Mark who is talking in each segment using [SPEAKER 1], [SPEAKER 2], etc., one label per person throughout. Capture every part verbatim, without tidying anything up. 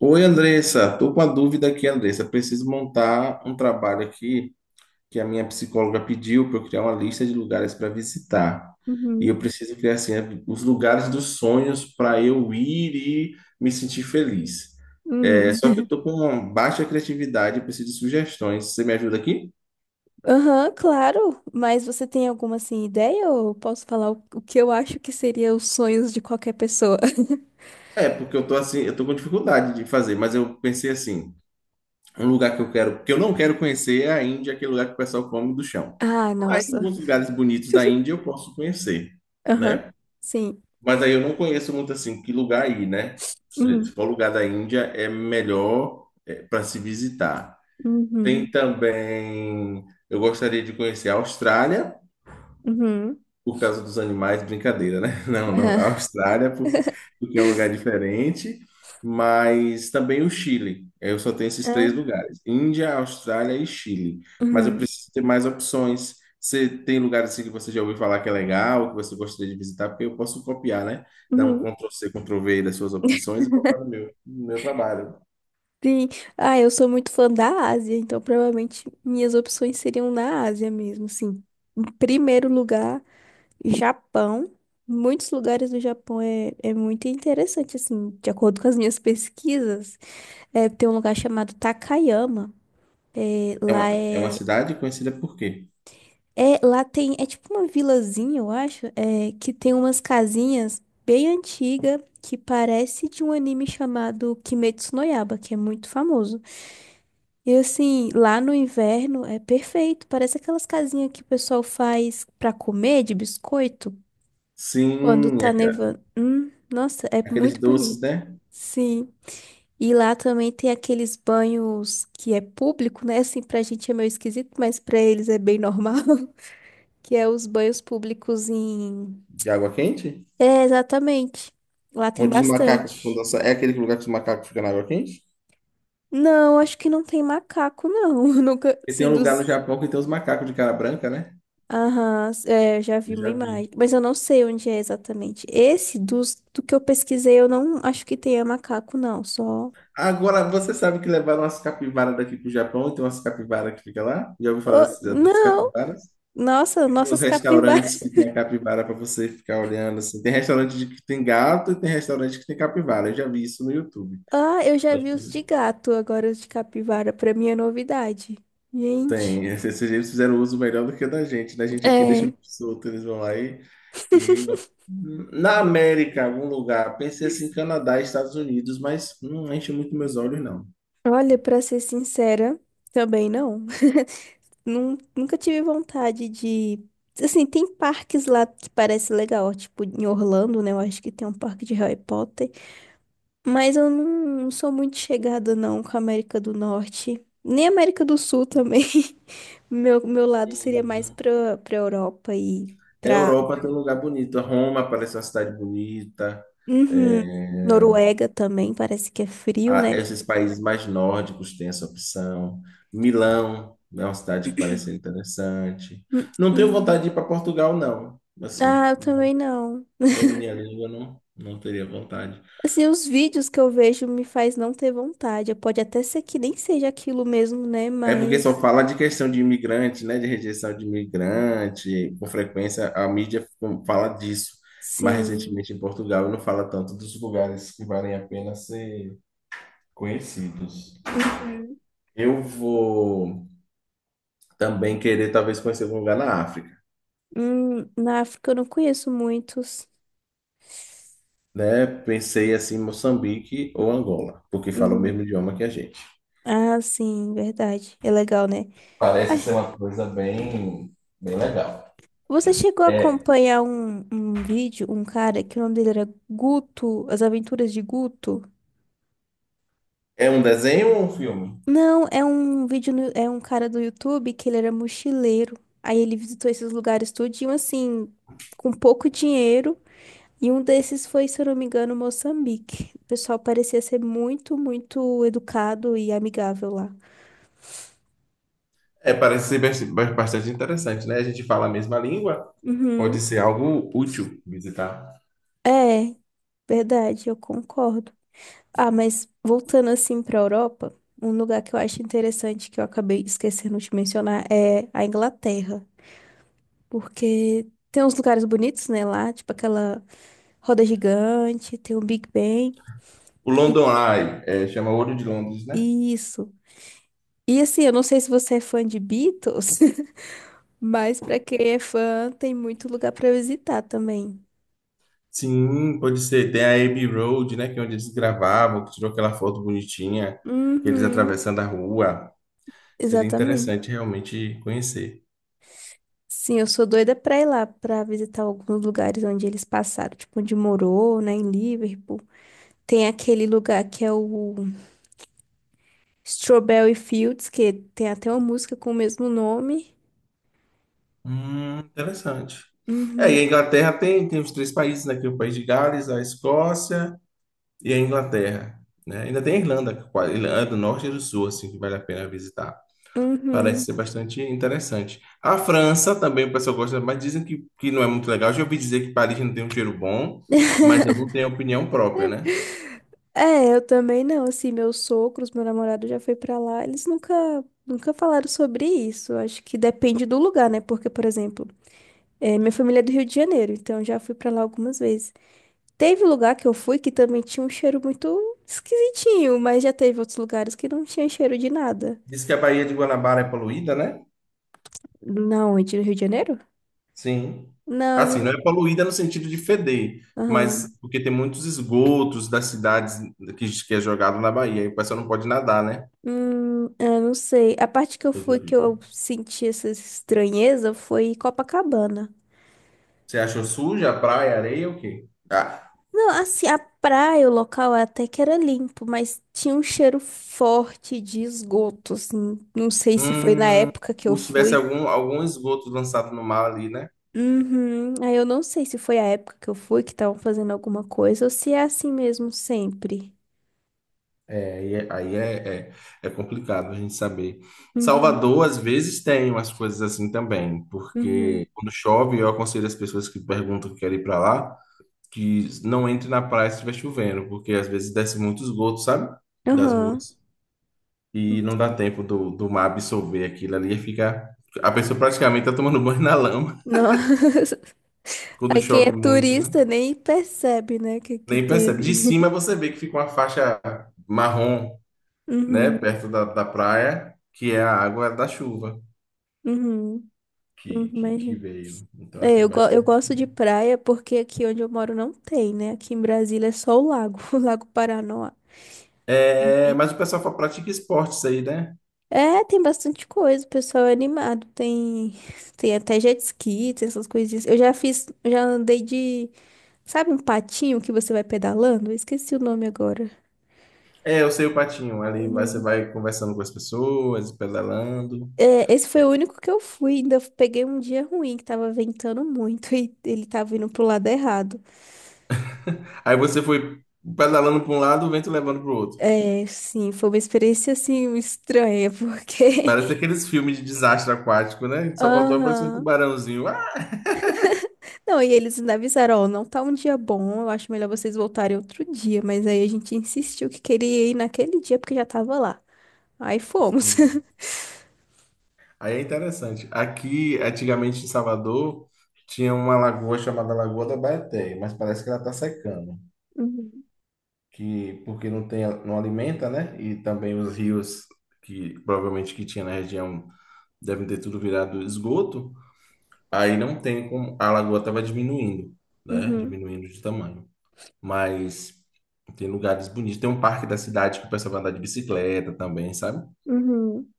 [SPEAKER 1] Oi, Andressa. Tô com uma dúvida aqui, Andressa. Preciso montar um trabalho aqui que a minha psicóloga pediu para eu criar uma lista de lugares para visitar. E
[SPEAKER 2] Uhum.
[SPEAKER 1] eu preciso criar assim né, os lugares dos sonhos para eu ir e me sentir feliz.
[SPEAKER 2] Hum.
[SPEAKER 1] É, só que eu tô com uma baixa criatividade, eu preciso de sugestões. Você me ajuda aqui?
[SPEAKER 2] Aham, claro. Mas você tem alguma assim ideia ou posso falar o, o que eu acho que seria os sonhos de qualquer pessoa?
[SPEAKER 1] É, porque eu tô assim, eu tô com dificuldade de fazer, mas eu pensei assim, um lugar que eu quero, que eu não quero conhecer é a Índia, aquele lugar que o pessoal come do chão.
[SPEAKER 2] Ah,
[SPEAKER 1] Mas
[SPEAKER 2] nossa.
[SPEAKER 1] alguns lugares bonitos da Índia eu posso conhecer,
[SPEAKER 2] Aham.
[SPEAKER 1] né?
[SPEAKER 2] Sim.
[SPEAKER 1] Mas aí eu não conheço muito assim, que lugar aí, né? Se se
[SPEAKER 2] Uhum.
[SPEAKER 1] for lugar da Índia, é melhor para se visitar. Tem
[SPEAKER 2] Uhum.
[SPEAKER 1] também, eu gostaria de conhecer a Austrália.
[SPEAKER 2] Uhum.
[SPEAKER 1] Por causa dos animais, brincadeira, né? Não, não,
[SPEAKER 2] Aham.
[SPEAKER 1] a Austrália, por- porque é um lugar diferente, mas também o Chile. Eu só tenho esses
[SPEAKER 2] Ah.
[SPEAKER 1] três lugares: Índia, Austrália e Chile. Mas eu
[SPEAKER 2] Uhum.
[SPEAKER 1] preciso ter mais opções. Você tem lugares assim que você já ouviu falar que é legal, que você gostaria de visitar, porque eu posso copiar, né? Dar um
[SPEAKER 2] Uhum.
[SPEAKER 1] Ctrl+C, Ctrl+V das suas opções e botar no meu, no meu trabalho.
[SPEAKER 2] Sim. Ah, eu sou muito fã da Ásia, então provavelmente minhas opções seriam na Ásia mesmo, assim. Em primeiro lugar, Japão. Muitos lugares do Japão é, é muito interessante, assim, de acordo com as minhas pesquisas. É, tem um lugar chamado Takayama. É,
[SPEAKER 1] É
[SPEAKER 2] lá
[SPEAKER 1] uma, é uma
[SPEAKER 2] é,
[SPEAKER 1] cidade conhecida por quê?
[SPEAKER 2] é. Lá tem. É tipo uma vilazinha, eu acho, é, que tem umas casinhas bem antigas que parece de um anime chamado Kimetsu no Yaiba, que é muito famoso. E assim, lá no inverno é perfeito. Parece aquelas casinhas que o pessoal faz pra comer de biscoito quando
[SPEAKER 1] Sim, é
[SPEAKER 2] tá
[SPEAKER 1] aquela-
[SPEAKER 2] nevando. Hum, nossa, é
[SPEAKER 1] aqueles
[SPEAKER 2] muito
[SPEAKER 1] doces,
[SPEAKER 2] bonito.
[SPEAKER 1] né?
[SPEAKER 2] Sim. E lá também tem aqueles banhos que é público, né? Assim, pra gente é meio esquisito, mas pra eles é bem normal. Que é os banhos públicos em.
[SPEAKER 1] De água quente?
[SPEAKER 2] É, exatamente. Lá tem
[SPEAKER 1] Onde os macacos ficam
[SPEAKER 2] bastante.
[SPEAKER 1] dançando. É aquele lugar que os macacos ficam na água quente?
[SPEAKER 2] Não, acho que não tem macaco, não. Nunca,
[SPEAKER 1] E tem
[SPEAKER 2] assim,
[SPEAKER 1] um lugar no
[SPEAKER 2] dos.
[SPEAKER 1] Japão que tem os macacos de cara branca, né?
[SPEAKER 2] Aham, é, eu já
[SPEAKER 1] Eu
[SPEAKER 2] vi uma
[SPEAKER 1] já vi.
[SPEAKER 2] imagem, mas eu não sei onde é exatamente. Esse dos, do que eu pesquisei, eu não acho que tenha macaco, não, só.
[SPEAKER 1] Agora, você sabe que levaram umas capivaras daqui pro Japão e tem umas capivaras que fica lá? Já ouviu falar
[SPEAKER 2] Oh,
[SPEAKER 1] das das
[SPEAKER 2] não!
[SPEAKER 1] capivaras?
[SPEAKER 2] Nossa,
[SPEAKER 1] E tem os
[SPEAKER 2] nossas
[SPEAKER 1] restaurantes
[SPEAKER 2] capivaras.
[SPEAKER 1] que tem a capivara para você ficar olhando assim. Tem restaurante de- que tem gato e tem restaurante que tem capivara. Eu já vi isso no YouTube.
[SPEAKER 2] Ah, eu já vi os de gato, agora os de capivara, pra mim é novidade. Gente,
[SPEAKER 1] Tem, esses eles fizeram um uso melhor do que o da gente, né? A gente aqui deixa
[SPEAKER 2] é,
[SPEAKER 1] solto, eles vão lá e, e... na América, algum lugar, pensei assim, Canadá, Estados Unidos, mas não enche muito meus olhos, não.
[SPEAKER 2] olha, pra ser sincera, também não. Nun- Nunca tive vontade de. Assim, tem parques lá que parece legal, tipo em Orlando, né? Eu acho que tem um parque de Harry Potter. Mas eu não sou muito chegada, não, com a América do Norte. Nem América do Sul também. Meu, meu lado seria mais
[SPEAKER 1] Uhum.
[SPEAKER 2] pra, pra Europa e
[SPEAKER 1] A
[SPEAKER 2] pra.
[SPEAKER 1] Europa tem um lugar bonito, Roma parece uma cidade bonita,
[SPEAKER 2] Uhum.
[SPEAKER 1] é,
[SPEAKER 2] Noruega também, parece que é frio,
[SPEAKER 1] a-
[SPEAKER 2] né?
[SPEAKER 1] esses países mais nórdicos têm essa opção, Milão é uma cidade que parece interessante.
[SPEAKER 2] Hum,
[SPEAKER 1] Não tenho vontade
[SPEAKER 2] hum.
[SPEAKER 1] de ir para Portugal, não, assim,
[SPEAKER 2] Ah, eu também não.
[SPEAKER 1] domine a língua, não, não teria vontade.
[SPEAKER 2] Assim, os vídeos que eu vejo me faz não ter vontade. Pode até ser que nem seja aquilo mesmo, né?
[SPEAKER 1] É porque só
[SPEAKER 2] Mas,
[SPEAKER 1] fala de questão de imigrante, né? De rejeição de imigrante. Com frequência a mídia fala disso. Mas
[SPEAKER 2] sim.
[SPEAKER 1] recentemente em Portugal não fala tanto dos lugares que valem a pena ser conhecidos.
[SPEAKER 2] Uhum.
[SPEAKER 1] Eu vou também querer talvez conhecer algum lugar na África,
[SPEAKER 2] Hum, na África eu não conheço muitos.
[SPEAKER 1] né? Pensei assim, Moçambique ou Angola, porque fala o
[SPEAKER 2] Uhum.
[SPEAKER 1] mesmo idioma que a gente.
[SPEAKER 2] Ah, sim, verdade. É legal, né? Ah,
[SPEAKER 1] Parece ser uma coisa bem, bem legal.
[SPEAKER 2] você chegou a
[SPEAKER 1] É,
[SPEAKER 2] acompanhar um, um vídeo, um cara que o nome dele era Guto, As Aventuras de Guto?
[SPEAKER 1] é um desenho ou um filme?
[SPEAKER 2] Não, é um vídeo, no- é um cara do YouTube que ele era mochileiro. Aí ele visitou esses lugares tudinho, assim, com pouco dinheiro. E um desses foi, se eu não me engano, Moçambique. O pessoal parecia ser muito, muito educado e amigável lá.
[SPEAKER 1] É, parece ser bas- bas- bastante interessante, né? A gente fala a mesma língua, pode
[SPEAKER 2] Uhum.
[SPEAKER 1] ser algo útil visitar.
[SPEAKER 2] É, verdade, eu concordo. Ah, mas voltando assim para a Europa, um lugar que eu acho interessante que eu acabei esquecendo de mencionar é a Inglaterra, porque tem uns lugares bonitos, né, lá, tipo aquela roda gigante, tem o Big Ben
[SPEAKER 1] O
[SPEAKER 2] e
[SPEAKER 1] London Eye, é, chama ouro de Londres, né?
[SPEAKER 2] e isso. E assim, eu não sei se você é fã de Beatles, mas para quem é fã, tem muito lugar para visitar também.
[SPEAKER 1] Sim, pode ser. Tem a Abbey Road, né? Que é onde eles gravavam, que tirou aquela foto bonitinha, eles
[SPEAKER 2] Uhum,
[SPEAKER 1] atravessando a rua. Seria
[SPEAKER 2] exatamente.
[SPEAKER 1] interessante realmente conhecer.
[SPEAKER 2] Sim, eu sou doida pra ir lá, pra visitar alguns lugares onde eles passaram, tipo onde morou, né, em Liverpool. Tem aquele lugar que é o Strawberry Fields, que tem até uma música com o mesmo nome.
[SPEAKER 1] Hum, interessante. É,
[SPEAKER 2] Uhum,
[SPEAKER 1] e a Inglaterra tem, tem os três países, né? Que é o país de Gales, a Escócia e a Inglaterra, né? Ainda tem a Irlanda, que quase- Irlanda do Norte e do Sul, assim, que vale a pena visitar. Parece
[SPEAKER 2] uhum.
[SPEAKER 1] ser bastante interessante. A França também o pessoal gosta, mas dizem que, que não é muito legal. Já ouvi dizer que Paris não tem um cheiro bom, mas eu não tenho opinião própria, né?
[SPEAKER 2] É, eu também não, assim, meus sogros, meu namorado já foi pra lá, eles nunca, nunca falaram sobre isso. Eu acho que depende do lugar, né? Porque, por exemplo, é, minha família é do Rio de Janeiro, então já fui pra lá algumas vezes. Teve lugar que eu fui que também tinha um cheiro muito esquisitinho, mas já teve outros lugares que não tinha cheiro de nada.
[SPEAKER 1] Diz que a Baía de Guanabara é poluída, né?
[SPEAKER 2] Na onde? No Rio de Janeiro?
[SPEAKER 1] Sim.
[SPEAKER 2] Não, eu
[SPEAKER 1] Assim, não é
[SPEAKER 2] não.
[SPEAKER 1] poluída no sentido de feder, mas
[SPEAKER 2] Aham.
[SPEAKER 1] porque tem muitos esgotos das cidades que, que é jogado na Bahia, e o pessoal não pode nadar, né?
[SPEAKER 2] Hum, eu não sei. A parte que eu
[SPEAKER 1] Coisa
[SPEAKER 2] fui que
[SPEAKER 1] horrível.
[SPEAKER 2] eu senti essa estranheza foi Copacabana.
[SPEAKER 1] Você achou suja a praia, a areia ou o quê? Ah,
[SPEAKER 2] Não, assim, a praia, o local até que era limpo, mas tinha um cheiro forte de esgoto, assim. Não sei se foi na
[SPEAKER 1] hum,
[SPEAKER 2] época que eu
[SPEAKER 1] como se tivesse
[SPEAKER 2] fui.
[SPEAKER 1] algum, algum esgoto lançado no mar ali, né?
[SPEAKER 2] Uhum. Aí eu não sei se foi a época que eu fui que estavam fazendo alguma coisa ou se é assim mesmo sempre.
[SPEAKER 1] É, aí é, aí é, é- é complicado a gente saber.
[SPEAKER 2] Uhum.
[SPEAKER 1] Salvador, às vezes, tem umas coisas assim também,
[SPEAKER 2] Uhum.
[SPEAKER 1] porque quando chove, eu aconselho as pessoas que perguntam que querem ir para lá, que não entre na praia se estiver chovendo, porque às vezes desce muito esgoto, sabe? Das
[SPEAKER 2] Aham.
[SPEAKER 1] ruas. E não dá tempo do, do mar absorver aquilo ali e fica. A pessoa praticamente tá tomando banho na lama
[SPEAKER 2] Nossa.
[SPEAKER 1] quando
[SPEAKER 2] Aí quem é
[SPEAKER 1] chove muito, né?
[SPEAKER 2] turista nem percebe, né, que, que
[SPEAKER 1] Nem
[SPEAKER 2] tem
[SPEAKER 1] percebe.
[SPEAKER 2] ali.
[SPEAKER 1] De cima você vê que fica uma faixa marrom, né?
[SPEAKER 2] Uhum,
[SPEAKER 1] Perto da, da praia, que é a água da chuva.
[SPEAKER 2] uhum, uhum,
[SPEAKER 1] que, que, que
[SPEAKER 2] imagina.
[SPEAKER 1] veio. Então,
[SPEAKER 2] É,
[SPEAKER 1] assim, é
[SPEAKER 2] eu, go- eu
[SPEAKER 1] bastante.
[SPEAKER 2] gosto de praia porque aqui onde eu moro não tem, né? Aqui em Brasília é só o lago, o Lago Paranoá.
[SPEAKER 1] É,
[SPEAKER 2] E-
[SPEAKER 1] mas o pessoal fa- pratica esportes aí, né?
[SPEAKER 2] É, tem bastante coisa, o pessoal é animado. Tem, tem até jet ski, tem essas coisinhas. Eu já fiz, eu já andei de, sabe um patinho que você vai pedalando? Eu esqueci o nome agora.
[SPEAKER 1] É, eu sei o patinho. Ali vai- você
[SPEAKER 2] Uhum.
[SPEAKER 1] vai conversando com as pessoas, pedalando.
[SPEAKER 2] É, esse foi o único que eu fui. Ainda peguei um dia ruim, que tava ventando muito e ele tava indo pro lado errado.
[SPEAKER 1] Aí você foi pedalando para um lado, o vento levando para o outro.
[SPEAKER 2] É, sim, foi uma experiência assim estranha, porque.
[SPEAKER 1] Parece aqueles filmes de desastre aquático, né? Só faltou aparecer um
[SPEAKER 2] Aham.
[SPEAKER 1] tubarãozinho. Ah!
[SPEAKER 2] Não, e eles ainda avisaram: ó, não tá um dia bom, eu acho melhor vocês voltarem outro dia. Mas aí a gente insistiu que queria ir naquele dia porque já tava lá. Aí fomos.
[SPEAKER 1] Sim. Aí é interessante. Aqui, antigamente em Salvador, tinha uma lagoa chamada Lagoa da Baeté, mas parece que ela está secando. Que porque não tem, não alimenta, né? E também os rios que provavelmente que tinha na região devem ter tudo virado esgoto. Aí não tem como, a lagoa estava diminuindo, né?
[SPEAKER 2] Uhum,
[SPEAKER 1] Diminuindo de tamanho. Mas tem lugares bonitos. Tem um parque da cidade que o pessoal vai andar de bicicleta também, sabe?
[SPEAKER 2] uhum,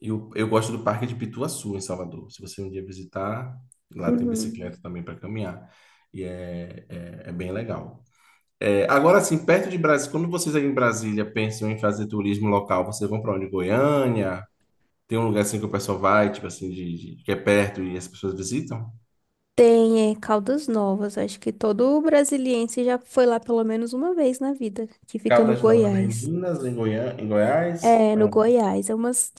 [SPEAKER 1] E eu, eu gosto do parque de Pituaçu, em Salvador. Se você um dia visitar, lá
[SPEAKER 2] uhum,
[SPEAKER 1] tem
[SPEAKER 2] uhum.
[SPEAKER 1] bicicleta também para caminhar. E é, é, é bem legal. É, agora, assim, perto de Brasília, quando vocês aí em Brasília pensam em fazer turismo local, vocês vão para onde? Goiânia? Tem um lugar assim que o pessoal vai, tipo assim, de, de- que é perto e as pessoas visitam?
[SPEAKER 2] Tem, é, Caldas Novas. Acho que todo brasiliense já foi lá pelo menos uma vez na vida, que fica no
[SPEAKER 1] Caldas Novas é em
[SPEAKER 2] Goiás.
[SPEAKER 1] Minas, em Goiânia, em Goiás?
[SPEAKER 2] É, no
[SPEAKER 1] Não.
[SPEAKER 2] Goiás. É umas.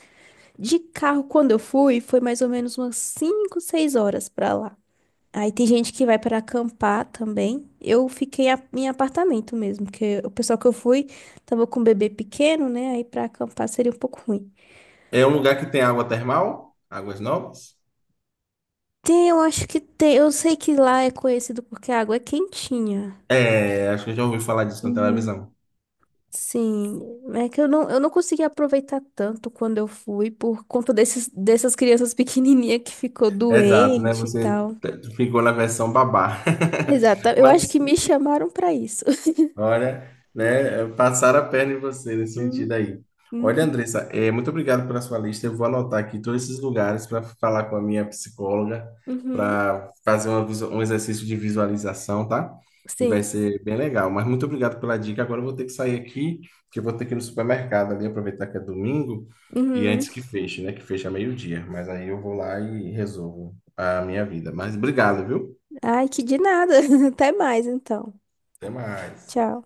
[SPEAKER 2] De carro, quando eu fui, foi mais ou menos umas cinco seis horas pra lá. Aí tem gente que vai para acampar também. Eu fiquei a- em apartamento mesmo, porque o pessoal que eu fui tava com um bebê pequeno, né? Aí pra acampar seria um pouco ruim.
[SPEAKER 1] É um lugar que tem água termal? Águas Novas?
[SPEAKER 2] Tem, eu acho que tem. Eu sei que lá é conhecido porque a água é quentinha.
[SPEAKER 1] É, acho que eu já ouvi falar disso na
[SPEAKER 2] Uhum.
[SPEAKER 1] televisão.
[SPEAKER 2] Sim, é que eu não, eu não consegui aproveitar tanto quando eu fui por conta desses, dessas crianças pequenininhas que ficou
[SPEAKER 1] Exato, né?
[SPEAKER 2] doente e
[SPEAKER 1] Você
[SPEAKER 2] tal.
[SPEAKER 1] t- ficou na versão babá.
[SPEAKER 2] Exato, eu acho
[SPEAKER 1] Mas
[SPEAKER 2] que me chamaram pra isso.
[SPEAKER 1] olha, né, passaram a perna em você nesse
[SPEAKER 2] Hum,
[SPEAKER 1] sentido aí. Olha,
[SPEAKER 2] uhum,
[SPEAKER 1] Andressa, é, muito obrigado pela sua lista. Eu vou anotar aqui todos esses lugares para falar com a minha psicóloga,
[SPEAKER 2] uhum,
[SPEAKER 1] para fazer uma visu- um exercício de visualização, tá? E vai
[SPEAKER 2] sim.
[SPEAKER 1] ser bem legal. Mas muito obrigado pela dica. Agora eu vou ter que sair aqui, que eu vou ter que ir no supermercado ali, aproveitar que é domingo, e
[SPEAKER 2] Uhum.
[SPEAKER 1] antes que feche, né? Que fecha meio-dia. Mas aí eu vou lá e resolvo a minha vida. Mas obrigado, viu?
[SPEAKER 2] Ai, que de nada. Até mais então.
[SPEAKER 1] Até mais.
[SPEAKER 2] Tchau.